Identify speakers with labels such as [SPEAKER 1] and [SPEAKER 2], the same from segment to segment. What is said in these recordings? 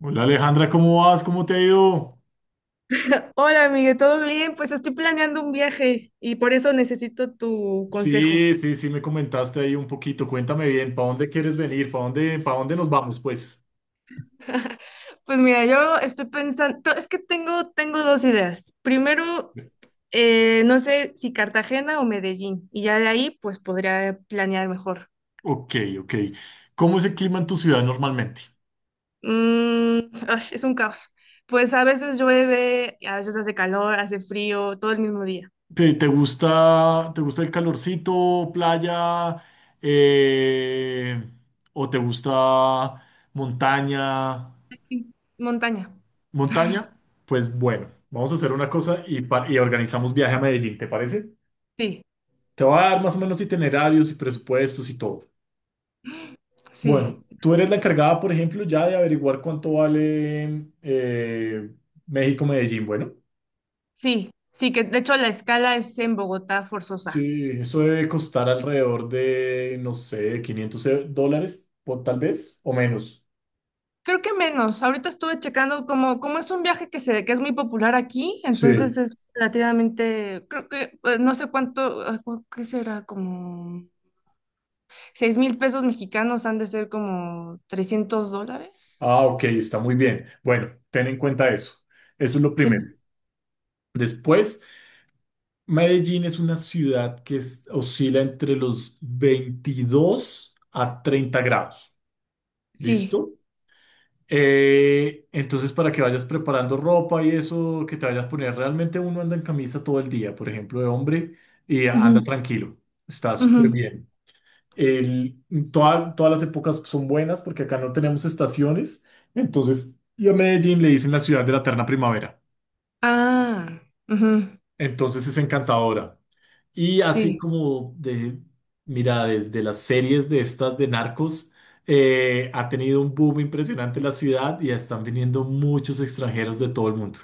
[SPEAKER 1] Hola Alejandra, ¿cómo vas? ¿Cómo te ha ido?
[SPEAKER 2] Hola, amiga, ¿todo bien? Pues estoy planeando un viaje y por eso necesito tu consejo.
[SPEAKER 1] Sí, sí, sí, me comentaste ahí un poquito. Cuéntame bien, ¿para dónde quieres venir? ¿Para dónde nos vamos, pues?
[SPEAKER 2] Pues mira, yo estoy pensando, es que tengo dos ideas. Primero, no sé si Cartagena o Medellín, y ya de ahí pues podría planear mejor.
[SPEAKER 1] Ok, ok. ¿Cómo es el clima en tu ciudad normalmente?
[SPEAKER 2] Ay, es un caos. Pues a veces llueve, a veces hace calor, hace frío, todo el mismo día.
[SPEAKER 1] ¿Te gusta, te gusta el calorcito, playa, eh, o te gusta montaña?
[SPEAKER 2] Sí, montaña.
[SPEAKER 1] ¿Montaña? Pues bueno, vamos a hacer una cosa y organizamos viaje a Medellín, ¿te parece?
[SPEAKER 2] Sí,
[SPEAKER 1] Te voy a dar más o menos itinerarios y presupuestos y todo.
[SPEAKER 2] sí,
[SPEAKER 1] Bueno, tú eres la encargada, por ejemplo, ya de averiguar cuánto vale México-Medellín. Bueno,
[SPEAKER 2] sí, sí, que de hecho la escala es en Bogotá forzosa.
[SPEAKER 1] sí, eso debe costar alrededor de, no sé, 500 dólares, por, tal vez, o menos.
[SPEAKER 2] Creo que menos. Ahorita estuve checando como es un viaje que es muy popular aquí,
[SPEAKER 1] Sí.
[SPEAKER 2] entonces es relativamente, creo que pues, no sé cuánto, ay, ¿qué será? Como 6,000 pesos mexicanos han de ser como $300.
[SPEAKER 1] Ah, ok, está muy bien. Bueno, ten en cuenta eso. Eso es lo primero.
[SPEAKER 2] Sí,
[SPEAKER 1] Después, Medellín es una ciudad que oscila entre los 22 a 30 grados.
[SPEAKER 2] sí.
[SPEAKER 1] ¿Listo? Entonces, para que vayas preparando ropa y eso que te vayas a poner, realmente uno anda en camisa todo el día, por ejemplo, de hombre, y anda
[SPEAKER 2] Ujú,
[SPEAKER 1] tranquilo, está súper
[SPEAKER 2] ujú.
[SPEAKER 1] bien. El, todas las épocas son buenas porque acá no tenemos estaciones, entonces, y a Medellín le dicen la ciudad de la eterna primavera,
[SPEAKER 2] Ah, ujú,
[SPEAKER 1] entonces es encantadora. Y así
[SPEAKER 2] sí.
[SPEAKER 1] como de, mira, desde las series de estas de narcos, ha tenido un boom impresionante la ciudad y están viniendo muchos extranjeros de todo el mundo.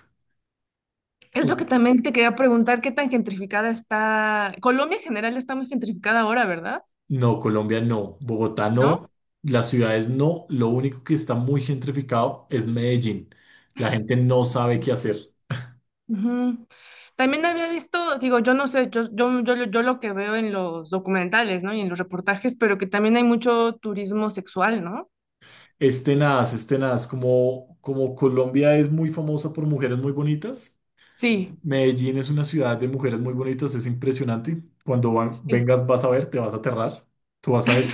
[SPEAKER 2] Es
[SPEAKER 1] Ok.
[SPEAKER 2] lo que también te quería preguntar, ¿qué tan gentrificada está? Colombia en general está muy gentrificada ahora, ¿verdad?
[SPEAKER 1] No, Colombia no, Bogotá no,
[SPEAKER 2] ¿No?
[SPEAKER 1] las ciudades no, lo único que está muy gentrificado es Medellín. La gente no sabe qué hacer.
[SPEAKER 2] Ujú. También había visto, digo, yo no sé, yo lo que veo en los documentales, ¿no? Y en los reportajes, pero que también hay mucho turismo sexual, ¿no?
[SPEAKER 1] Es tenaz, como Colombia es muy famosa por mujeres muy bonitas.
[SPEAKER 2] Sí,
[SPEAKER 1] Medellín es una ciudad de mujeres muy bonitas, es impresionante. Cuando
[SPEAKER 2] sí.
[SPEAKER 1] vengas vas a ver, te vas a aterrar. Tú vas a ver,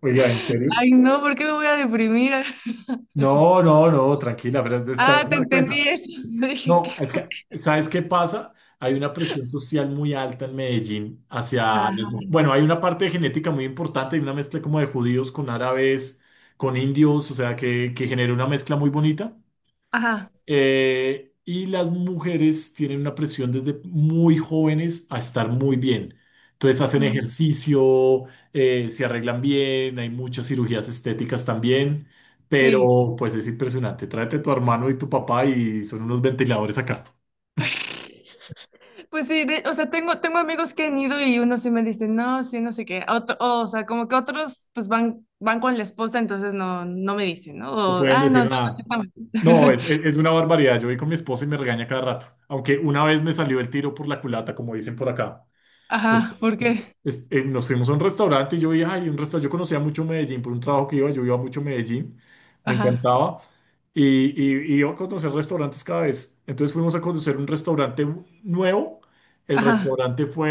[SPEAKER 1] oiga, ¿en serio?
[SPEAKER 2] Ay, no, ¿por qué me voy a deprimir?
[SPEAKER 1] No, no, no, tranquila, pero te vas
[SPEAKER 2] Ah,
[SPEAKER 1] a
[SPEAKER 2] te
[SPEAKER 1] dar
[SPEAKER 2] entendí
[SPEAKER 1] cuenta.
[SPEAKER 2] eso. Dije que...
[SPEAKER 1] No, es que, ¿sabes qué pasa? Hay una presión social muy alta en Medellín hacia
[SPEAKER 2] Ajá,
[SPEAKER 1] Bueno, hay una parte de genética muy importante, hay una mezcla como de judíos con árabes, con indios, o sea, que genera una mezcla muy bonita.
[SPEAKER 2] ajá.
[SPEAKER 1] Y las mujeres tienen una presión desde muy jóvenes a estar muy bien. Entonces hacen
[SPEAKER 2] Mm,
[SPEAKER 1] ejercicio, se arreglan bien, hay muchas cirugías estéticas también,
[SPEAKER 2] sí.
[SPEAKER 1] pero pues es impresionante. Tráete a tu hermano y tu papá y son unos ventiladores acá.
[SPEAKER 2] Pues sí, de- o sea, tengo amigos que han ido y unos sí me dicen, no, sí, no sé qué. Otro- o sea, como que otros pues van con la esposa, entonces no, no me dicen, ¿no?
[SPEAKER 1] No
[SPEAKER 2] O,
[SPEAKER 1] pueden
[SPEAKER 2] ah, no,
[SPEAKER 1] decir
[SPEAKER 2] bueno, así
[SPEAKER 1] nada. No,
[SPEAKER 2] estamos.
[SPEAKER 1] es una barbaridad. Yo voy con mi esposo y me regaña cada rato. Aunque una vez me salió el tiro por la culata, como dicen por acá.
[SPEAKER 2] Ajá, ¿por
[SPEAKER 1] es-
[SPEAKER 2] qué?
[SPEAKER 1] nos fuimos a un restaurante y yo vi, ay, un restaurante, yo conocía mucho Medellín por un trabajo que iba, yo iba mucho a Medellín, me
[SPEAKER 2] Ajá,
[SPEAKER 1] encantaba y, y iba a conocer restaurantes cada vez. Entonces fuimos a conocer un restaurante nuevo, el
[SPEAKER 2] ajá,
[SPEAKER 1] restaurante fue,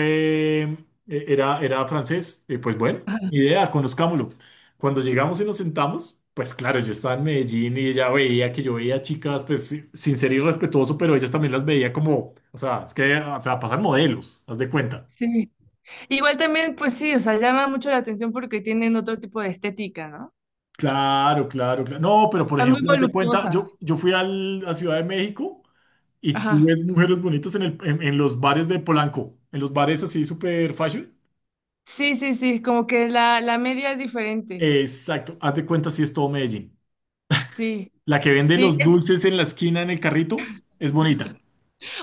[SPEAKER 1] eh, era, era francés, y pues bueno,
[SPEAKER 2] ajá.
[SPEAKER 1] idea, conozcámoslo. Cuando llegamos y nos sentamos, pues claro, yo estaba en Medellín y ella veía que yo veía chicas, pues sin ser irrespetuoso, pero ellas también las veía como, o sea, es que, o sea, pasan modelos, haz de cuenta.
[SPEAKER 2] Sí. Igual también, pues sí, o sea, llama mucho la atención porque tienen otro tipo de estética, ¿no?
[SPEAKER 1] Claro, claro, claro. No, pero por
[SPEAKER 2] Están muy
[SPEAKER 1] ejemplo, haz de cuenta,
[SPEAKER 2] voluptuosas.
[SPEAKER 1] yo fui a Ciudad de México y tú
[SPEAKER 2] Ajá.
[SPEAKER 1] ves mujeres bonitas en los bares de Polanco, en los bares así super fashion.
[SPEAKER 2] Sí, sí, sí, como que la media es diferente.
[SPEAKER 1] Exacto, haz de cuenta si es todo Medellín.
[SPEAKER 2] Sí.
[SPEAKER 1] La que vende
[SPEAKER 2] Sí,
[SPEAKER 1] los
[SPEAKER 2] es...
[SPEAKER 1] dulces en la esquina en el carrito es bonita.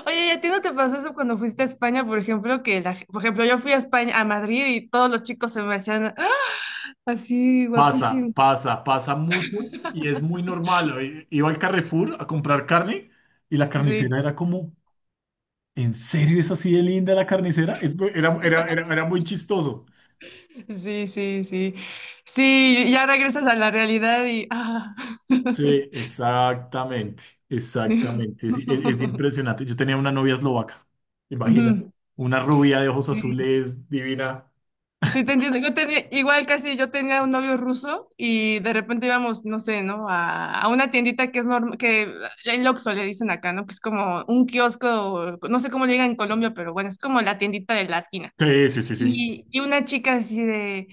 [SPEAKER 2] Oye, ¿y a ti no te pasó eso cuando fuiste a España, por ejemplo, que por ejemplo, yo fui a España, a Madrid y todos los chicos se me hacían ¡ah! Así
[SPEAKER 1] Pasa,
[SPEAKER 2] guapísimos.
[SPEAKER 1] pasa, pasa mucho y es muy normal. Iba al Carrefour a comprar carne y la carnicera
[SPEAKER 2] Sí,
[SPEAKER 1] era como, ¿en serio es así de linda la carnicera? Era muy chistoso.
[SPEAKER 2] sí, sí, sí. Sí, ya regresas a la realidad y ah.
[SPEAKER 1] Sí, exactamente, exactamente. Es impresionante. Yo tenía una novia eslovaca, imagínate.
[SPEAKER 2] Ujú.
[SPEAKER 1] Una rubia de ojos azules, divina.
[SPEAKER 2] Sí, te entiendo. Igual casi yo tenía un novio ruso y de repente íbamos, no sé, ¿no? A una tiendita que es normal, que el Oxxo le dicen acá, ¿no? Que es como un kiosco, no sé cómo le digan en Colombia, pero bueno, es como la tiendita de la esquina.
[SPEAKER 1] Sí, sí, sí, sí.
[SPEAKER 2] Y una chica así de,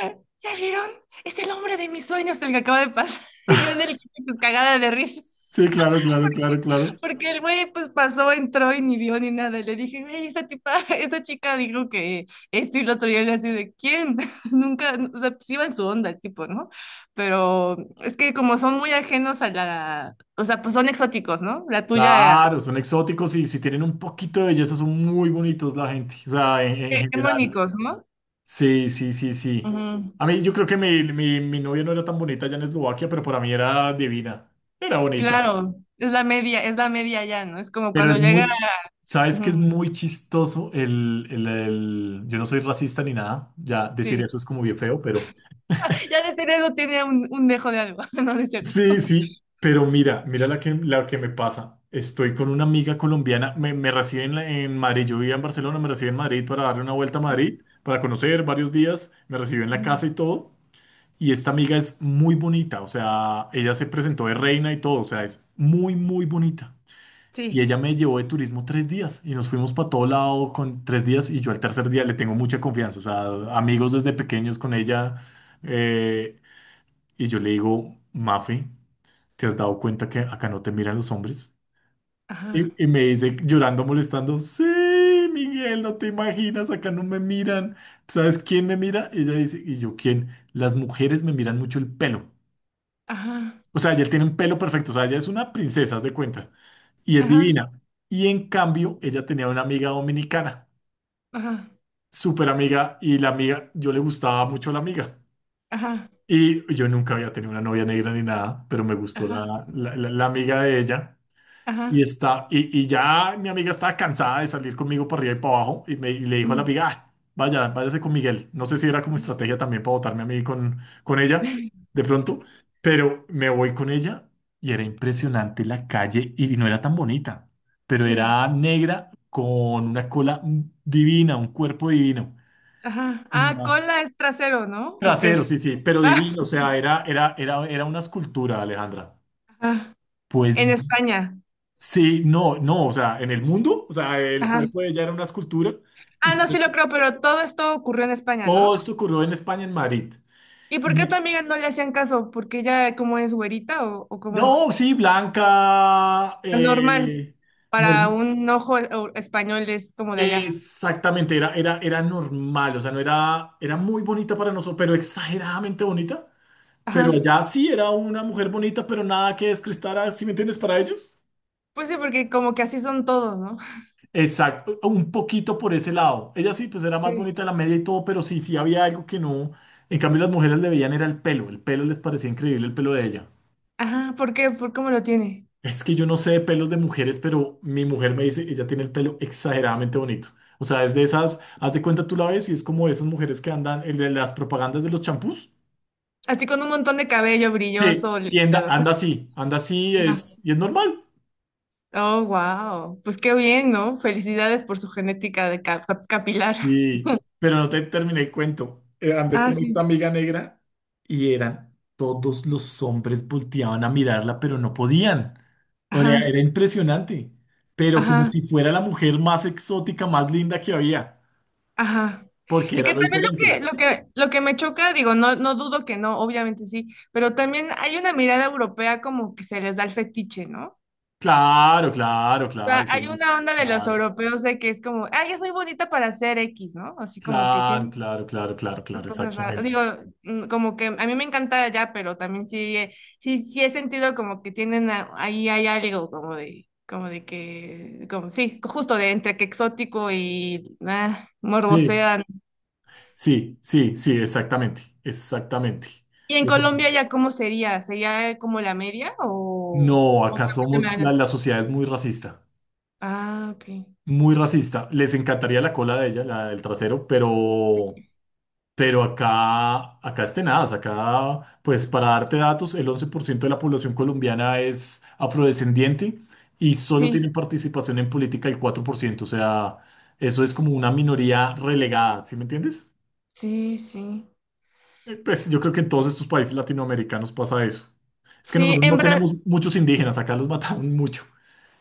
[SPEAKER 2] "Ah, ¿ya vieron? Es el hombre de mis sueños el que acaba de pasar." Y yo en el, pues cagada de risa.
[SPEAKER 1] Sí, claro, claro, claro, claro.
[SPEAKER 2] Porque el güey pues pasó, entró y ni vio ni nada. Le dije, güey, esa tipa, esa chica dijo que esto y lo otro. Y él así de, ¿quién? Nunca, o sea, pues iba en su onda el tipo, ¿no? Pero es que como son muy ajenos a la, o sea, pues son exóticos, ¿no? La tuya,
[SPEAKER 1] Claro, son exóticos y si tienen un poquito de belleza son muy bonitos la gente, o sea, en general.
[SPEAKER 2] hegemónicos, ¿no?
[SPEAKER 1] Sí, sí, sí, sí.
[SPEAKER 2] Ujú.
[SPEAKER 1] A mí yo creo que mi novia no era tan bonita allá en Eslovaquia, pero para mí era divina. Era bonita.
[SPEAKER 2] Claro, es la media ya, ¿no? Es como
[SPEAKER 1] Pero
[SPEAKER 2] cuando
[SPEAKER 1] es
[SPEAKER 2] llega,
[SPEAKER 1] muy, ¿sabes que es
[SPEAKER 2] ujú,
[SPEAKER 1] muy chistoso yo no soy racista ni nada, ya decir
[SPEAKER 2] sí.
[SPEAKER 1] eso es como bien feo, pero
[SPEAKER 2] Ya de ser eso tiene un dejo de algo, ¿no? No es cierto.
[SPEAKER 1] sí, sí, pero mira la que me pasa. Estoy con una amiga colombiana, me recibe en Madrid, yo vivía en Barcelona, me recibe en Madrid para darle una vuelta a Madrid, para conocer varios días, me recibió en la
[SPEAKER 2] Ujú.
[SPEAKER 1] casa y todo. Y esta amiga es muy bonita, o sea, ella se presentó de reina y todo, o sea, es muy, muy bonita. Y
[SPEAKER 2] Sí.
[SPEAKER 1] ella me llevó de turismo 3 días y nos fuimos para todo lado con 3 días y yo al tercer día le tengo mucha confianza, o sea, amigos desde pequeños con ella eh, y yo le digo, Mafi, ¿te has dado cuenta que acá no te miran los hombres?
[SPEAKER 2] Ajá,
[SPEAKER 1] Y me dice llorando, molestando, sí, Miguel, no te imaginas, acá no me miran. ¿Sabes quién me mira? Y ella dice, ¿y yo quién? Las mujeres me miran mucho el pelo.
[SPEAKER 2] ajá,
[SPEAKER 1] O sea, ella tiene un pelo perfecto, o sea, ella es una princesa, haz de cuenta, y es
[SPEAKER 2] ajá,
[SPEAKER 1] divina. Y en cambio, ella tenía una amiga dominicana,
[SPEAKER 2] ajá.
[SPEAKER 1] súper amiga, y la amiga, yo le gustaba mucho la amiga.
[SPEAKER 2] Ajá,
[SPEAKER 1] Y yo nunca había tenido una novia negra ni nada, pero me gustó
[SPEAKER 2] ajá,
[SPEAKER 1] la amiga de ella. Y,
[SPEAKER 2] ajá.
[SPEAKER 1] está, y, y ya mi amiga estaba cansada de salir conmigo para arriba y para abajo y le dijo a la
[SPEAKER 2] Mm,
[SPEAKER 1] amiga, "Ah, vaya, váyase con Miguel. No sé si era como
[SPEAKER 2] mm,
[SPEAKER 1] estrategia también para botarme a mí con ella de pronto, pero me voy con ella y era impresionante la calle y no era tan bonita, pero
[SPEAKER 2] sí,
[SPEAKER 1] era negra con una cola divina, un cuerpo divino.
[SPEAKER 2] ajá. Ah,
[SPEAKER 1] Imagen.
[SPEAKER 2] cola es trasero, ¿no? ¿O
[SPEAKER 1] Trasero,
[SPEAKER 2] qué?
[SPEAKER 1] sí, sí, pero divino, o sea, era una escultura, Alejandra.
[SPEAKER 2] Ajá.
[SPEAKER 1] Pues
[SPEAKER 2] En España.
[SPEAKER 1] sí, no, no, o sea, en el mundo, o sea, el
[SPEAKER 2] Ajá.
[SPEAKER 1] cuerpo de ella era una escultura y
[SPEAKER 2] Ah, no,
[SPEAKER 1] sobre
[SPEAKER 2] sí lo
[SPEAKER 1] todo,
[SPEAKER 2] creo, pero todo esto ocurrió en España,
[SPEAKER 1] todo
[SPEAKER 2] ¿no?
[SPEAKER 1] esto ocurrió en España, en Madrid.
[SPEAKER 2] ¿Y
[SPEAKER 1] Y
[SPEAKER 2] por qué a tu
[SPEAKER 1] me-
[SPEAKER 2] amiga no le hacían caso? ¿Porque ella cómo es güerita o cómo
[SPEAKER 1] no,
[SPEAKER 2] es?
[SPEAKER 1] sí, blanca,
[SPEAKER 2] Normal.
[SPEAKER 1] no-
[SPEAKER 2] Para un ojo español es como de allá.
[SPEAKER 1] exactamente, era normal, o sea, no era muy bonita para nosotros, pero exageradamente bonita. Pero
[SPEAKER 2] Ajá.
[SPEAKER 1] allá sí era una mujer bonita, pero nada que descrestara, ¿sí me entiendes? Para ellos.
[SPEAKER 2] Pues sí, porque como que así son todos, ¿no?
[SPEAKER 1] Exacto, un poquito por ese lado. Ella sí, pues era más
[SPEAKER 2] Sí.
[SPEAKER 1] bonita de la media y todo, pero sí, sí había algo que no. En cambio, las mujeres le veían era el pelo. El pelo les parecía increíble el pelo de ella.
[SPEAKER 2] Ajá, ¿por qué? ¿Por cómo lo tiene?
[SPEAKER 1] Es que yo no sé de pelos de mujeres, pero mi mujer me dice, ella tiene el pelo exageradamente bonito. O sea, es de esas, haz de cuenta tú la ves y es como esas mujeres que andan en las propagandas de los champús.
[SPEAKER 2] Así con un montón de cabello
[SPEAKER 1] Que,
[SPEAKER 2] brilloso, los
[SPEAKER 1] y anda,
[SPEAKER 2] dedos.
[SPEAKER 1] anda así, y es normal.
[SPEAKER 2] Oh, wow. Pues qué bien, ¿no? Felicidades por su genética de capilar.
[SPEAKER 1] Sí, pero no te terminé el cuento. Andé
[SPEAKER 2] Ah,
[SPEAKER 1] con esta
[SPEAKER 2] sí.
[SPEAKER 1] amiga negra y eran todos los hombres volteaban a mirarla, pero no podían. O sea,
[SPEAKER 2] Ajá,
[SPEAKER 1] era impresionante, pero como
[SPEAKER 2] ajá,
[SPEAKER 1] si fuera la mujer más exótica, más linda que había,
[SPEAKER 2] ajá.
[SPEAKER 1] porque
[SPEAKER 2] Y
[SPEAKER 1] era
[SPEAKER 2] que
[SPEAKER 1] lo
[SPEAKER 2] también lo que,
[SPEAKER 1] diferente.
[SPEAKER 2] lo que, lo que me choca, digo, no, no dudo que no, obviamente sí, pero también hay una mirada europea como que se les da el fetiche, ¿no?
[SPEAKER 1] Claro, claro,
[SPEAKER 2] O
[SPEAKER 1] claro,
[SPEAKER 2] sea, hay una onda de los
[SPEAKER 1] claro,
[SPEAKER 2] europeos de que es como, ay, es muy bonita para ser X, ¿no? Así como que
[SPEAKER 1] claro,
[SPEAKER 2] tiene
[SPEAKER 1] claro, claro, claro, claro,
[SPEAKER 2] las
[SPEAKER 1] claro,
[SPEAKER 2] cosas raras. Digo,
[SPEAKER 1] exactamente.
[SPEAKER 2] como que a mí me encanta allá, pero también sí, sí, he sentido como que tienen ahí hay algo como de que, como sí, justo de entre que exótico y ah,
[SPEAKER 1] Sí,
[SPEAKER 2] morbosean.
[SPEAKER 1] sí, sí, sí, exactamente, exactamente.
[SPEAKER 2] ¿Y en
[SPEAKER 1] Eso pasa.
[SPEAKER 2] Colombia ya cómo sería? ¿Sería como la media
[SPEAKER 1] No,
[SPEAKER 2] o
[SPEAKER 1] acá
[SPEAKER 2] también te me
[SPEAKER 1] somos, la,
[SPEAKER 2] hagan?
[SPEAKER 1] la sociedad es muy racista.
[SPEAKER 2] Ah, ok.
[SPEAKER 1] Muy racista. Les encantaría la cola de ella, la del trasero, pero, acá es tenaz. Acá, pues para darte datos, el 11% de la población colombiana es afrodescendiente y solo tienen
[SPEAKER 2] Sí.
[SPEAKER 1] participación en política el 4%. O sea, eso es como una minoría relegada, ¿sí me entiendes?
[SPEAKER 2] Sí, sí.
[SPEAKER 1] Pues yo creo que en todos estos países latinoamericanos pasa eso. Es que
[SPEAKER 2] Sí,
[SPEAKER 1] nosotros no
[SPEAKER 2] en, Bra-
[SPEAKER 1] tenemos muchos indígenas, acá los mataron mucho.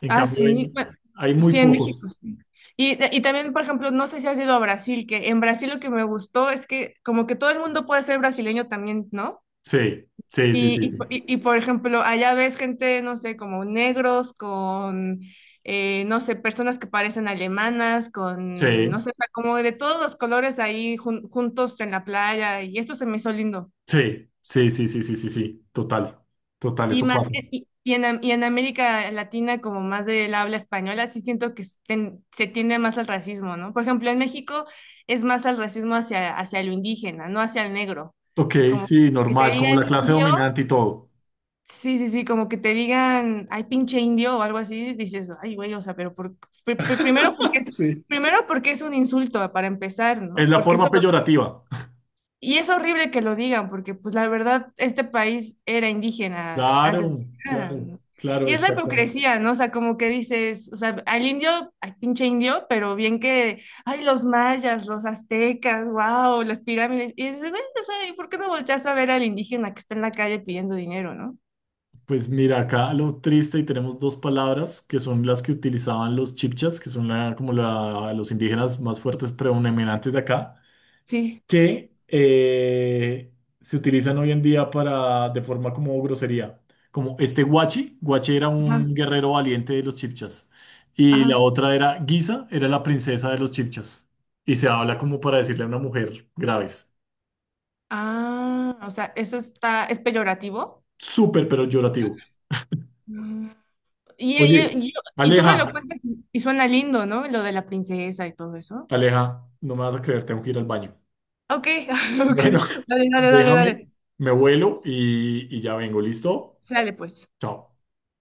[SPEAKER 1] En
[SPEAKER 2] Ah,
[SPEAKER 1] cambio,
[SPEAKER 2] sí, bueno,
[SPEAKER 1] hay muy
[SPEAKER 2] sí, en
[SPEAKER 1] pocos.
[SPEAKER 2] México, sí. Y también, por ejemplo, no sé si has ido a Brasil, que en Brasil lo que me gustó es que como que todo el mundo puede ser brasileño también, ¿no?
[SPEAKER 1] Sí, sí, sí, sí, sí.
[SPEAKER 2] Por ejemplo, allá ves gente, no sé, como negros, con, no sé, personas que parecen alemanas, con, no
[SPEAKER 1] Sí.
[SPEAKER 2] sé, o sea, como de todos los colores ahí juntos en la playa, y eso se me hizo lindo.
[SPEAKER 1] Sí, sí, sí, sí, sí, sí, sí, total, total,
[SPEAKER 2] Y
[SPEAKER 1] eso
[SPEAKER 2] más
[SPEAKER 1] pasa.
[SPEAKER 2] que, y en, Am- y en América Latina, como más del habla española, sí siento que se tiende más al racismo, ¿no? Por ejemplo, en México es más al racismo hacia, hacia lo indígena, no hacia el negro.
[SPEAKER 1] Ok,
[SPEAKER 2] Como
[SPEAKER 1] sí,
[SPEAKER 2] que te
[SPEAKER 1] normal, como
[SPEAKER 2] digan
[SPEAKER 1] la clase
[SPEAKER 2] indio,
[SPEAKER 1] dominante y todo.
[SPEAKER 2] sí, sí, sí, como que te digan, ay, pinche indio o algo así, dices, ay, güey, o sea, pero por, pr- pr-
[SPEAKER 1] Sí.
[SPEAKER 2] primero porque es un insulto para empezar,
[SPEAKER 1] Es
[SPEAKER 2] ¿no?
[SPEAKER 1] la
[SPEAKER 2] Porque eso
[SPEAKER 1] forma peyorativa.
[SPEAKER 2] y es horrible que lo digan, porque pues la verdad, este país era indígena antes de
[SPEAKER 1] Claro,
[SPEAKER 2] que llegaran,
[SPEAKER 1] claro,
[SPEAKER 2] ¿no?
[SPEAKER 1] claro,
[SPEAKER 2] Y es la
[SPEAKER 1] exactamente.
[SPEAKER 2] hipocresía, ¿no? O sea, como que dices, o sea, al indio, al pinche indio, pero bien que, ay, los mayas, los aztecas, wow, las pirámides. Y dices, güey, o sea, ¿y por qué no volteas a ver al indígena que está en la calle pidiendo dinero, ¿no?
[SPEAKER 1] Pues mira, acá lo triste y tenemos dos palabras que son las que utilizaban los chipchas, que son los indígenas más fuertes predominantes de acá.
[SPEAKER 2] Sí.
[SPEAKER 1] Que se utilizan hoy en día para, de forma como grosería. Como este Guachi, Guachi era
[SPEAKER 2] Ajá,
[SPEAKER 1] un guerrero valiente de los Chipchas. Y la
[SPEAKER 2] ajá.
[SPEAKER 1] otra era Guisa, era la princesa de los Chipchas. Y se habla como para decirle a una mujer graves.
[SPEAKER 2] Ah, o sea, eso está, es peyorativo.
[SPEAKER 1] Súper, pero llorativo.
[SPEAKER 2] Mm. Y, y,
[SPEAKER 1] Oye,
[SPEAKER 2] y- y tú me lo
[SPEAKER 1] Aleja,
[SPEAKER 2] cuentas y suena lindo, ¿no? Lo de la princesa y todo eso.
[SPEAKER 1] Aleja, no me vas a creer, tengo que ir al baño.
[SPEAKER 2] Ok, ok.
[SPEAKER 1] Bueno,
[SPEAKER 2] Dale, dale, dale,
[SPEAKER 1] déjame,
[SPEAKER 2] dale.
[SPEAKER 1] me vuelo y ya vengo, ¿listo?
[SPEAKER 2] Sale pues.
[SPEAKER 1] Chao.